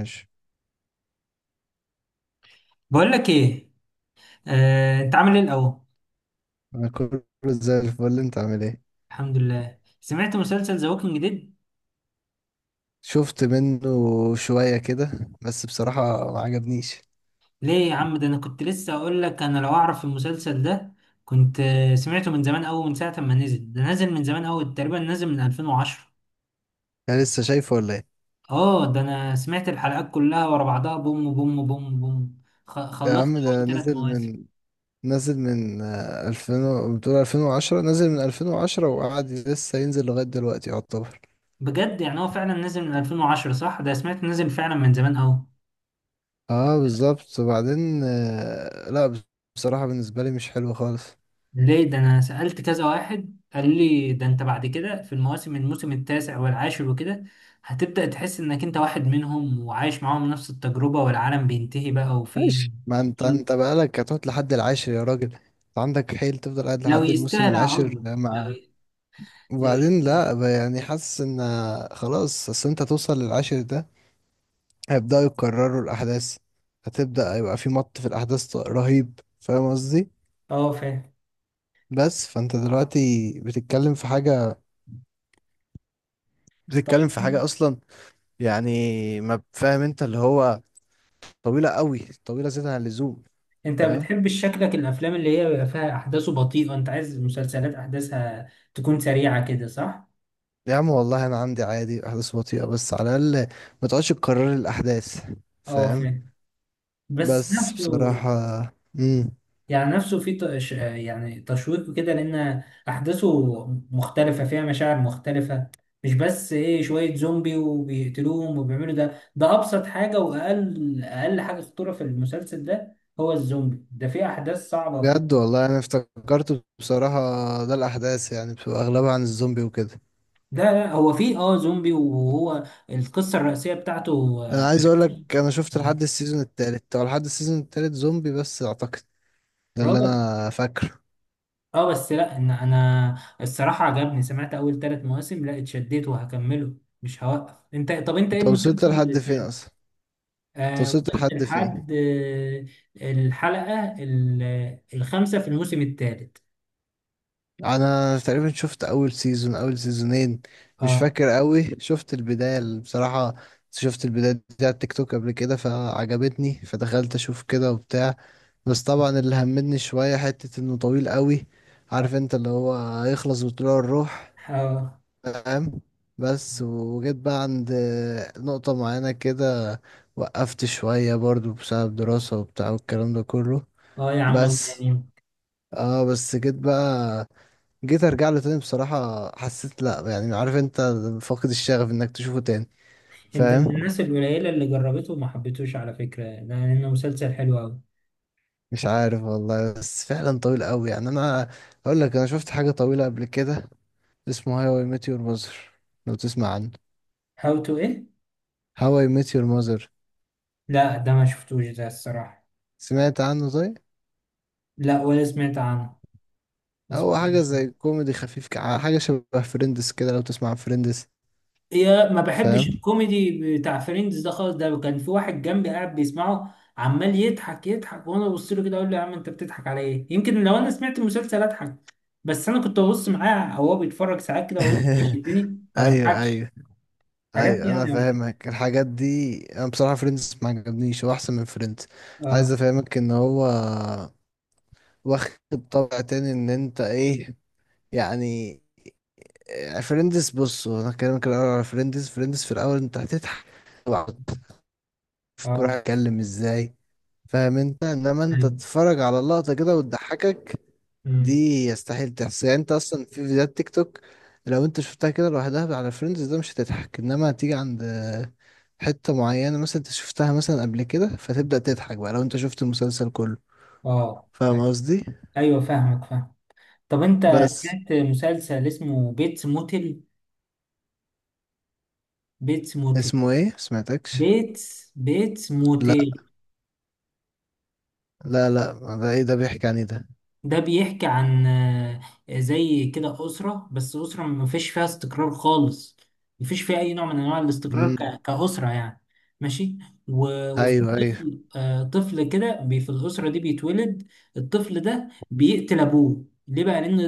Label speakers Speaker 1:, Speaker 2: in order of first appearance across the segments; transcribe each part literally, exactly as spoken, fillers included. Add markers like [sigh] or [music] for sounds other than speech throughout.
Speaker 1: ماشي.
Speaker 2: بقول لك ايه. آه، انت عامل ايه الاول؟
Speaker 1: انا كله زي الفل، انت عامل ايه؟
Speaker 2: الحمد لله، سمعت مسلسل ذا ووكينج ديد.
Speaker 1: شفت منه شوية كده، بس بصراحة ما عجبنيش.
Speaker 2: ليه يا عم، ده انا كنت لسه اقول لك انا لو اعرف المسلسل ده كنت آه، سمعته من زمان قوي، من ساعه ما نزل. ده نازل من زمان قوي، تقريبا نازل من ألفين وعشرة.
Speaker 1: انا لسه شايفه ولا ايه؟
Speaker 2: اه، ده انا سمعت الحلقات كلها ورا بعضها، بوم بوم بوم بوم. خ-
Speaker 1: يا
Speaker 2: خلصت
Speaker 1: عم ده
Speaker 2: اول ثلاث
Speaker 1: نزل
Speaker 2: مواسم.
Speaker 1: من نزل من آه، ألفين و- بتقول ألفين وعشرة، نزل من ألفين وعشرة وقعد لسه ينزل لغاية دلوقتي يعتبر.
Speaker 2: بجد يعني هو فعلا نازل من ألفين وعشرة؟ صح، ده سمعت نازل فعلا من زمان قوي.
Speaker 1: اه بالظبط. وبعدين آه، لا بص- بصراحة بالنسبة لي مش حلو خالص.
Speaker 2: ليه؟ ده انا سألت كذا واحد قال لي ده انت بعد كده في المواسم، الموسم التاسع والعاشر وكده هتبدأ تحس انك انت واحد منهم وعايش معاهم نفس التجربة، والعالم بينتهي بقى وفي.
Speaker 1: ماشي، ما انت انت بقالك هتقعد لحد العاشر، يا راجل انت عندك حيل تفضل قاعد
Speaker 2: لو
Speaker 1: لحد الموسم
Speaker 2: يستاهل اقعد
Speaker 1: العاشر
Speaker 2: له، لو
Speaker 1: مع...
Speaker 2: ي... لو
Speaker 1: وبعدين
Speaker 2: يستاهل.
Speaker 1: لا ب- يعني حاسس ان... خلاص اصل انت توصل للعاشر ده هيبدأوا يكرروا الأحداث. هتبدأ يبقى في مط في الأحداث ط- رهيب، فاهم قصدي؟
Speaker 2: اه فاهم.
Speaker 1: بس فانت دلوقتي بتتكلم في حاجة، بتتكلم في
Speaker 2: طيب
Speaker 1: حاجة أصلا. يعني، ما فاهم انت اللي هو... طويلة قوي، طويلة زيادة عن اللزوم.
Speaker 2: انت
Speaker 1: فاهم.
Speaker 2: بتحب شكلك الافلام اللي هي بيبقى فيها احداثه بطيئة، انت عايز مسلسلات احداثها تكون سريعة كده صح؟
Speaker 1: يا عم والله أنا عندي عادي أحداث بطيئة، بس على الأقل ما تقعدش تكرر الأحداث.
Speaker 2: اه
Speaker 1: فاهم.
Speaker 2: فاهم. بس
Speaker 1: بس
Speaker 2: نفسه،
Speaker 1: بصراحة... مم.
Speaker 2: يعني نفسه في تش... يعني تشويق كده، لأن أحداثه مختلفة، فيها مشاعر مختلفة. مش بس إيه شوية زومبي وبيقتلوهم وبيعملوا، ده ده أبسط حاجة، وأقل أقل حاجة خطورة في المسلسل ده هو الزومبي. ده فيه أحداث صعبة
Speaker 1: بجد
Speaker 2: وفيه.
Speaker 1: والله انا افتكرته بصراحة، ده الاحداث يعني بتبقى اغلبها عن الزومبي وكده.
Speaker 2: لا لا، هو فيه أه زومبي، وهو القصة الرئيسية بتاعته.
Speaker 1: انا
Speaker 2: آه،
Speaker 1: عايز اقول لك انا شفت لحد السيزون التالت، او لحد السيزون التالت زومبي بس اعتقد، ده اللي
Speaker 2: اه
Speaker 1: انا فاكره.
Speaker 2: اه. بس لا، ان انا الصراحه عجبني، سمعت اول ثلاث مواسم، لا اتشديت وهكمله مش هوقف. انت طب انت ايه
Speaker 1: انت
Speaker 2: المسلسل
Speaker 1: وصلت
Speaker 2: اللي
Speaker 1: لحد فين
Speaker 2: سمعته؟
Speaker 1: اصلا؟ انت
Speaker 2: آه،
Speaker 1: وصلت
Speaker 2: وصلت
Speaker 1: لحد فين
Speaker 2: لحد آه، الحلقة ال- الخامسة في الموسم الثالث.
Speaker 1: انا تقريبا شفت اول سيزون، اول سيزونين، مش
Speaker 2: اه
Speaker 1: فاكر قوي. شفت البداية ال- بصراحة، شفت البداية دي على التيك توك قبل كده فعجبتني، فدخلت اشوف كده وبتاع. بس طبعا اللي همدني شوية حتة انه طويل قوي.
Speaker 2: اه
Speaker 1: عارف انت اللي هو هيخلص بطلوع الروح.
Speaker 2: اه.
Speaker 1: فاهم. بس وجيت بقى عند نقطة معينة كده، وقفت شوية برضو بسبب دراسة وبتاع والكلام ده كله.
Speaker 2: آه يا عم، الله
Speaker 1: بس
Speaker 2: يعني.
Speaker 1: اه بس جيت بقى جيت ارجع له تاني. بصراحة حسيت لا يعني عارف انت، فاقد الشغف انك تشوفه تاني.
Speaker 2: انت من
Speaker 1: فاهم.
Speaker 2: الناس القليلة اللي جربته وما حبيتوش على فكرة، لأنه مسلسل حلو أوي.
Speaker 1: مش عارف والله، بس فعلا طويل قوي يعني. انا اقول لك انا شفت حاجة طويلة قبل كده، اسمه هاو اي ميت يور ماذر، لو تسمع عنه.
Speaker 2: هاو تو ايه؟
Speaker 1: هاو اي ميت يور ماذر.
Speaker 2: لا ده ما شفتوش ده الصراحة.
Speaker 1: سمعت عنه؟ طيب،
Speaker 2: لا ولا سمعت عنه، ما
Speaker 1: هو حاجة
Speaker 2: سمعتوش.
Speaker 1: زي كوميدي خفيف، كع- حاجة شبه فريندز كده، لو تسمع عن فريندز.
Speaker 2: يا ما بحبش
Speaker 1: فاهم.
Speaker 2: الكوميدي بتاع فريندز ده خالص. ده كان في واحد جنبي قاعد بيسمعه، عمال يضحك يضحك، وانا ببص له كده اقول له يا عم انت بتضحك على ايه؟ يمكن لو انا سمعت المسلسل اضحك. بس انا كنت ببص معاه، او هو بيتفرج ساعات كده واقول بيشدني،
Speaker 1: [laughs]
Speaker 2: ما
Speaker 1: ايوه،
Speaker 2: بضحكش
Speaker 1: ايوه،
Speaker 2: حاجات دي
Speaker 1: ايوه انا
Speaker 2: يعني.
Speaker 1: فاهمك. الحاجات دي انا بصراحة فريندز ما عجبنيش، هو احسن من فريندز. عايز
Speaker 2: اه
Speaker 1: افهمك ان هو واخد طابع تاني، ان انت ايه، يعني. فريندز، بص انا كلامك الاول على فريندز، فريندز في الاول انت هتضحك وهتعرف
Speaker 2: اه
Speaker 1: الكورة هتتكلم ازاي، فاهم انت، انما انت
Speaker 2: ايوه.
Speaker 1: تتفرج على اللقطة كده وتضحكك، دي
Speaker 2: أمم.
Speaker 1: يستحيل تحصل يعني. انت اصلا في فيديوهات تيك توك لو انت شفتها كده لوحدها على فريندز ده مش هتضحك، انما هتيجي عند حتة معينة مثلا انت شفتها مثلا قبل كده فتبدأ تضحك بقى لو انت شفت المسلسل كله.
Speaker 2: اه
Speaker 1: فاهم قصدي.
Speaker 2: ايوه، فاهمك فاهم. طب انت
Speaker 1: بس
Speaker 2: سمعت مسلسل اسمه بيتس موتل؟ بيتس موتل.
Speaker 1: اسمه ايه؟ سمعتكش.
Speaker 2: بيتس بيتس
Speaker 1: لا،
Speaker 2: موتل.
Speaker 1: لا، لا. ده ايه ده، بيحكي عن ايه ده؟
Speaker 2: ده بيحكي عن آه، زي كده أسرة، بس أسرة ما فيش فيها استقرار خالص، ما فيش فيها أي نوع من أنواع الاستقرار
Speaker 1: امم.
Speaker 2: ك- كأسرة يعني. ماشي. و- وفي
Speaker 1: ايوه، ايوه.
Speaker 2: طفل، آه، طفل كده بي- في الأسرة دي بيتولد. الطفل ده بيقتل أبوه، ليه بقى؟ لأن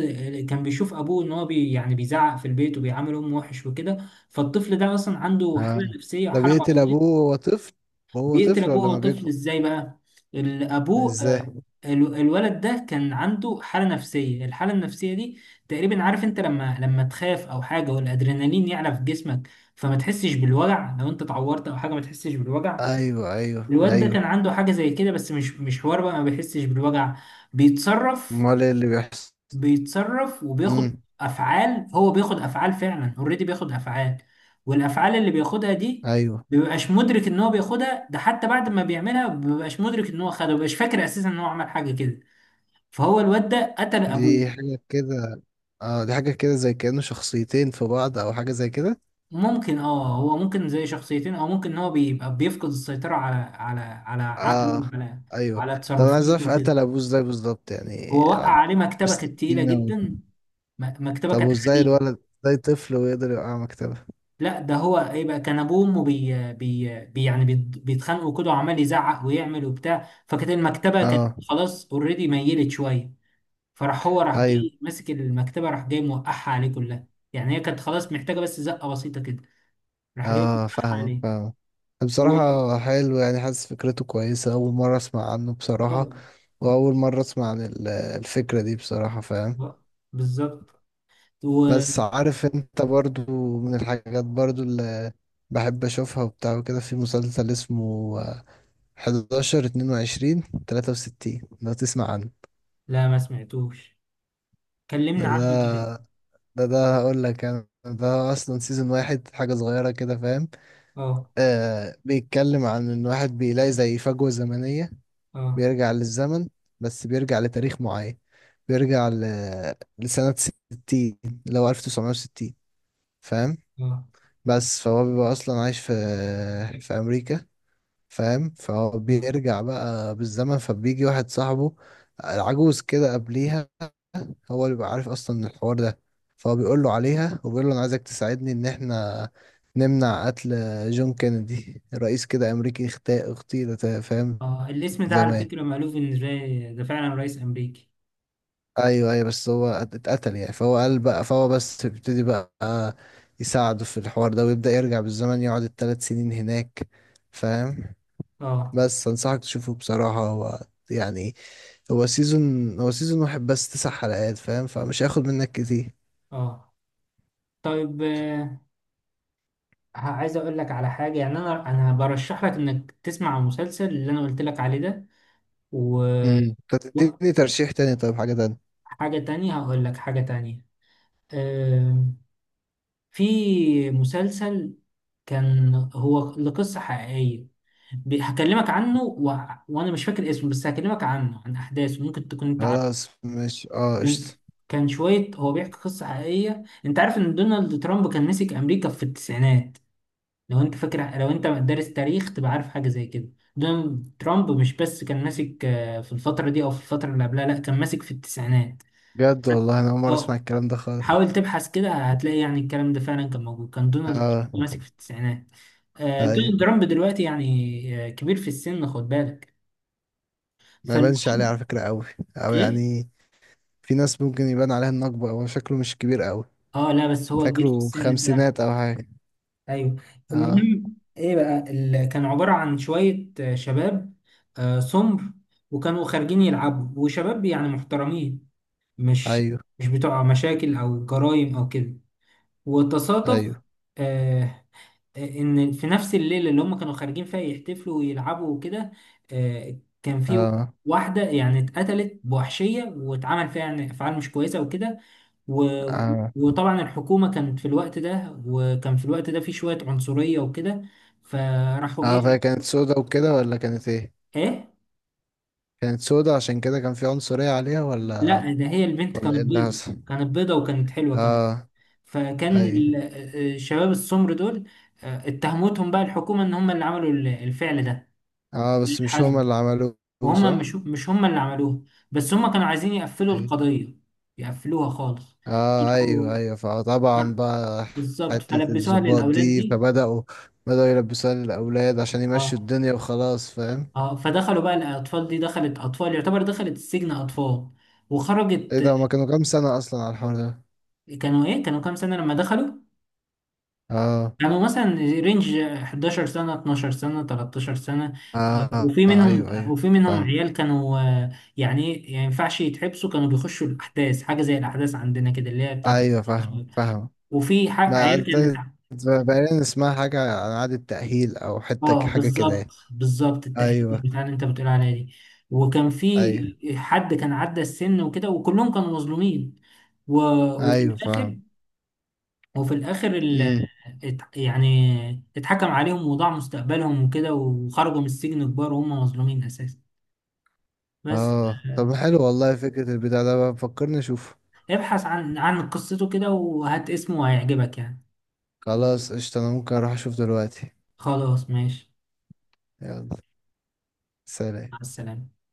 Speaker 2: آه، كان بيشوف أبوه إن هو بي يعني بيزعق في البيت وبيعامل أمه وحش وكده، فالطفل ده أصلا عنده حالة
Speaker 1: اه،
Speaker 2: نفسية
Speaker 1: ده
Speaker 2: وحالة
Speaker 1: بيقتل ابوه
Speaker 2: مرضية.
Speaker 1: وهو طفل؟ وهو
Speaker 2: بيقتل
Speaker 1: طفل
Speaker 2: ابوه
Speaker 1: ولا
Speaker 2: وهو
Speaker 1: ما
Speaker 2: طفل،
Speaker 1: بيكبر؟
Speaker 2: ازاي بقى؟ ال- ابوه آه،
Speaker 1: ازاي؟
Speaker 2: ال- الولد ده كان عنده حالة نفسية. الحالة النفسية دي تقريبا، عارف انت لما لما تخاف او حاجة والادرينالين يعلى في جسمك، فما تحسش بالوجع. لو انت اتعورت او حاجة ما تحسش بالوجع.
Speaker 1: ايوه، ايوه،
Speaker 2: الواد ده كان
Speaker 1: ايوه.
Speaker 2: عنده حاجة زي كده، بس مش مش حوار بقى، ما بيحسش بالوجع. بيتصرف،
Speaker 1: امال ايه اللي بيحصل؟
Speaker 2: بيتصرف وبياخد
Speaker 1: امم.
Speaker 2: افعال. هو بياخد افعال فعلا اوريدي، بياخد افعال. والافعال اللي بياخدها دي
Speaker 1: ايوه.
Speaker 2: بيبقاش مدرك ان هو بياخدها. ده حتى بعد ما بيعملها بيبقاش مدرك ان هو خدها، بيبقاش فاكر اساسا ان هو عمل حاجه كده. فهو الواد ده قتل ابوه.
Speaker 1: دي حاجة كده، اه دي حاجة كده زي كأنه شخصيتين في بعض او حاجة زي كده.
Speaker 2: ممكن، اه هو ممكن زي شخصيتين، او ممكن ان هو بيبقى بيفقد السيطره على على على عقله
Speaker 1: اه.
Speaker 2: وعلى
Speaker 1: ايوه.
Speaker 2: على
Speaker 1: طب انا عايز
Speaker 2: تصرفاته
Speaker 1: اعرف
Speaker 2: وكده.
Speaker 1: قتل ابوه ازاي بالظبط يعني
Speaker 2: هو وقع
Speaker 1: عب-
Speaker 2: عليه مكتبه، كانت تقيله
Speaker 1: بالسكينة
Speaker 2: جدا.
Speaker 1: و...
Speaker 2: م- مكتبه
Speaker 1: طب
Speaker 2: كانت
Speaker 1: وازاي
Speaker 2: حديد.
Speaker 1: الولد، ازاي طفل ويقدر يوقع مكتبه؟
Speaker 2: لا، ده هو ايه بقى، كان ابوه وامه بي بي بي يعني بيت- بيتخانقوا كده وعمال يزعق ويعمل وبتاع، فكانت المكتبه كانت
Speaker 1: اه.
Speaker 2: خلاص اوريدي ميلت شويه. فراح هو راح
Speaker 1: ايوه.
Speaker 2: جاي ماسك المكتبه، راح جاي موقعها عليه كلها. يعني هي كانت خلاص محتاجه بس زقه بسيطه كده، راح جاي
Speaker 1: اه
Speaker 2: موقعها
Speaker 1: فاهمك،
Speaker 2: عليه.
Speaker 1: فاهمك.
Speaker 2: و...
Speaker 1: بصراحة حلو، يعني حاسس فكرته كويسة، أول مرة أسمع عنه بصراحة.
Speaker 2: آه،
Speaker 1: وأول مرة أسمع عن ال- الفكرة دي بصراحة، فاهم.
Speaker 2: آه، بالظبط. و...
Speaker 1: بس عارف انت برضو، من الحاجات برضو اللي بحب اشوفها وبتاع وكده، في مسلسل اسمه إحدى عشر اتنين وعشرين تلاتة وستين، لو تسمع عنه.
Speaker 2: لا ما سمعتوش،
Speaker 1: ده
Speaker 2: كلمنا عنه طيب.
Speaker 1: ده ده, ده هقول لك انا، ده اصلا سيزون واحد، حاجة صغيرة كده، فاهم.
Speaker 2: اه
Speaker 1: آه بيتكلم عن ان واحد بيلاقي زي فجوة زمنية،
Speaker 2: اه
Speaker 1: بيرجع للزمن، بس بيرجع لتاريخ معين، بيرجع ل... لسنة ستين، اللي
Speaker 2: اه
Speaker 1: هو ألف وتسعمائة وستين. فاهم.
Speaker 2: اه
Speaker 1: بس فهو بيبقى اصلا عايش في في امريكا، فاهم. فهو
Speaker 2: اه.
Speaker 1: بيرجع بقى بالزمن، فبيجي واحد صاحبه العجوز كده قبليها، هو اللي بيبقى عارف اصلا الحوار ده، فهو بيقول له عليها وبيقول له انا عايزك تساعدني ان احنا نمنع قتل جون كينيدي، رئيس كده امريكي اغتا- اغتيل تا- فاهم،
Speaker 2: آه، الاسم ده على
Speaker 1: زمان.
Speaker 2: فكره مألوف، ان ده ده فعلا رئيس امريكي.
Speaker 1: ايوه، ايوه، بس هو ات- اتقتل يعني. فهو قال بقى، فهو بس بيبتدي بقى يساعده في الحوار ده، ويبدأ يرجع بالزمن، يقعد الثلاث سنين هناك. فاهم.
Speaker 2: اه
Speaker 1: بس انصحك تشوفه بصراحة هو، يعني، هو سيزون هو سيزون واحد بس تسع حلقات، فاهم، فمش هياخد منك كتير.
Speaker 2: اه. طيب آه، ه- عايز اقول لك على حاجه، يعني انا انا برشح لك انك تسمع المسلسل اللي انا قلت لك عليه ده. و-
Speaker 1: امم. طب تديني ترشيح تاني طيب، حاجة تانية.
Speaker 2: وحاجه تانية هقول لك حاجه تانية. آم، في مسلسل كان هو لقصه حقيقيه، ب- هكلمك عنه و... وانا مش فاكر اسمه، بس هكلمك عنه عن احداثه، ممكن تكون انت عارفه.
Speaker 1: خلاص، مش اه،
Speaker 2: كان،
Speaker 1: قشطة.
Speaker 2: كان شويه هو بيحكي قصه حقيقيه. انت عارف ان دونالد ترامب كان مسك امريكا في التسعينات؟ لو انت فاكر لو انت دارس تاريخ تبقى عارف حاجه زي كده. دونالد ترامب مش بس كان ماسك آه، في الفتره دي او في الفتره اللي قبلها، لا كان ماسك في التسعينات.
Speaker 1: بجد والله انا اول مرة اسمع
Speaker 2: اه،
Speaker 1: الكلام ده خالص.
Speaker 2: حاول تبحث كده هتلاقي يعني الكلام ده فعلا كان موجود، كان دونالد
Speaker 1: اه.
Speaker 2: ترامب ماسك في التسعينات. آه،
Speaker 1: اي،
Speaker 2: دونالد ترامب دلوقتي يعني آه، كبير في السن، خد بالك.
Speaker 1: ما يبانش عليه على
Speaker 2: فالمهم
Speaker 1: فكرة قوي، او
Speaker 2: ايه؟
Speaker 1: يعني، في ناس ممكن يبان عليها النقبة، هو شكله مش كبير قوي.
Speaker 2: اه لا، بس هو كبير في
Speaker 1: فاكره
Speaker 2: السن فعلا.
Speaker 1: خمسينات او حاجة.
Speaker 2: ايوه.
Speaker 1: اه.
Speaker 2: المهم ايه بقى، ال- كان عباره عن شويه آه، شباب آه، سمر، وكانوا خارجين يلعبوا، وشباب يعني محترمين، مش
Speaker 1: ايوه،
Speaker 2: مش بتوع مشاكل او جرائم او كده. وتصادف
Speaker 1: ايوه.
Speaker 2: آه، ان في نفس الليله اللي هم كانوا خارجين فيها يحتفلوا ويلعبوا وكده آه، كان في
Speaker 1: اه.
Speaker 2: واحده يعني اتقتلت بوحشيه، واتعمل فيها يعني افعال مش كويسه وكده. و-
Speaker 1: اه.
Speaker 2: وطبعا الحكومة كانت في الوقت ده، وكان في الوقت ده في شوية عنصرية وكده، فراحوا
Speaker 1: اه
Speaker 2: ايه.
Speaker 1: فهي كانت سودا وكده ولا كانت ايه؟
Speaker 2: ايه،
Speaker 1: كانت سودة عشان كده كان في عنصرية عليها ولا،
Speaker 2: لا ده هي البنت
Speaker 1: ولا
Speaker 2: كانت
Speaker 1: ايه اللي
Speaker 2: بيضة،
Speaker 1: حصل؟
Speaker 2: كانت بيضة وكانت حلوة كمان.
Speaker 1: اه.
Speaker 2: فكان
Speaker 1: اي.
Speaker 2: ال- الشباب السمر دول آه، اتهمتهم بقى الحكومة ان هم اللي عملوا ال- الفعل ده.
Speaker 1: اه بس مش هما
Speaker 2: الحزم.
Speaker 1: اللي عملوه.
Speaker 2: وهم
Speaker 1: صح.
Speaker 2: مش مش هم اللي عملوه، بس هم كانوا عايزين يقفلوا
Speaker 1: اي.
Speaker 2: القضية، يقفلوها خالص.
Speaker 1: اه، ايوه،
Speaker 2: راحوا-
Speaker 1: ايوه، فطبعا بقى
Speaker 2: بالظبط،
Speaker 1: حتة
Speaker 2: فلبسوها
Speaker 1: الضباط
Speaker 2: للأولاد
Speaker 1: دي
Speaker 2: دي.
Speaker 1: فبدأوا بدأوا يلبسوها للأولاد عشان يمشوا
Speaker 2: اه
Speaker 1: الدنيا وخلاص. فاهم.
Speaker 2: اه. فدخلوا بقى، الاطفال دي دخلت، اطفال يعتبر دخلت السجن، اطفال.
Speaker 1: ايه
Speaker 2: وخرجت،
Speaker 1: ده، هما كانوا كام سنة أصلا على الحوار ده؟
Speaker 2: كانوا ايه، كانوا كام سنة لما دخلوا؟
Speaker 1: اه.
Speaker 2: كانوا مثلا رينج 11 سنة، 12 سنة، 13 سنة. آه،
Speaker 1: اه.
Speaker 2: وفي
Speaker 1: آه،
Speaker 2: منهم،
Speaker 1: ايوه، ايوه
Speaker 2: وفي منهم
Speaker 1: فاهم.
Speaker 2: عيال كانوا آه، يعني ايه يعني، ما ينفعش يتحبسوا. كانوا بيخشوا الاحداث، حاجة زي الاحداث عندنا كده اللي هي بتاعت.
Speaker 1: ايوه فاهم، فاهم.
Speaker 2: وفي ح-
Speaker 1: ما
Speaker 2: عيال كانت.
Speaker 1: عاد- بقينا نسمع حاجة عن إعادة تأهيل أو حتة
Speaker 2: اه
Speaker 1: حاجة كده
Speaker 2: بالظبط،
Speaker 1: يعني.
Speaker 2: بالظبط التأهيل
Speaker 1: ايوه،
Speaker 2: بتاع اللي انت بتقول عليها دي. وكان في
Speaker 1: ايوه،
Speaker 2: حد كان عدى السن وكده، وكلهم كانوا مظلومين. و... وفي
Speaker 1: ايوه
Speaker 2: الاخر،
Speaker 1: فاهم.
Speaker 2: وفي الاخر ال...
Speaker 1: امم.
Speaker 2: ات... يعني اتحكم عليهم وضاع مستقبلهم وكده، وخرجوا من السجن كبار وهم مظلومين اساسا بس.
Speaker 1: اه
Speaker 2: آه،
Speaker 1: طب حلو والله فكرة البتاع ده، بقى فكرني اشوفه.
Speaker 2: ابحث عن عن قصته كده، وهات اسمه وهيعجبك يعني.
Speaker 1: خلاص قشطة، انا ممكن اروح اشوف دلوقتي.
Speaker 2: خلاص ماشي،
Speaker 1: يلا، سلام.
Speaker 2: مع السلامة.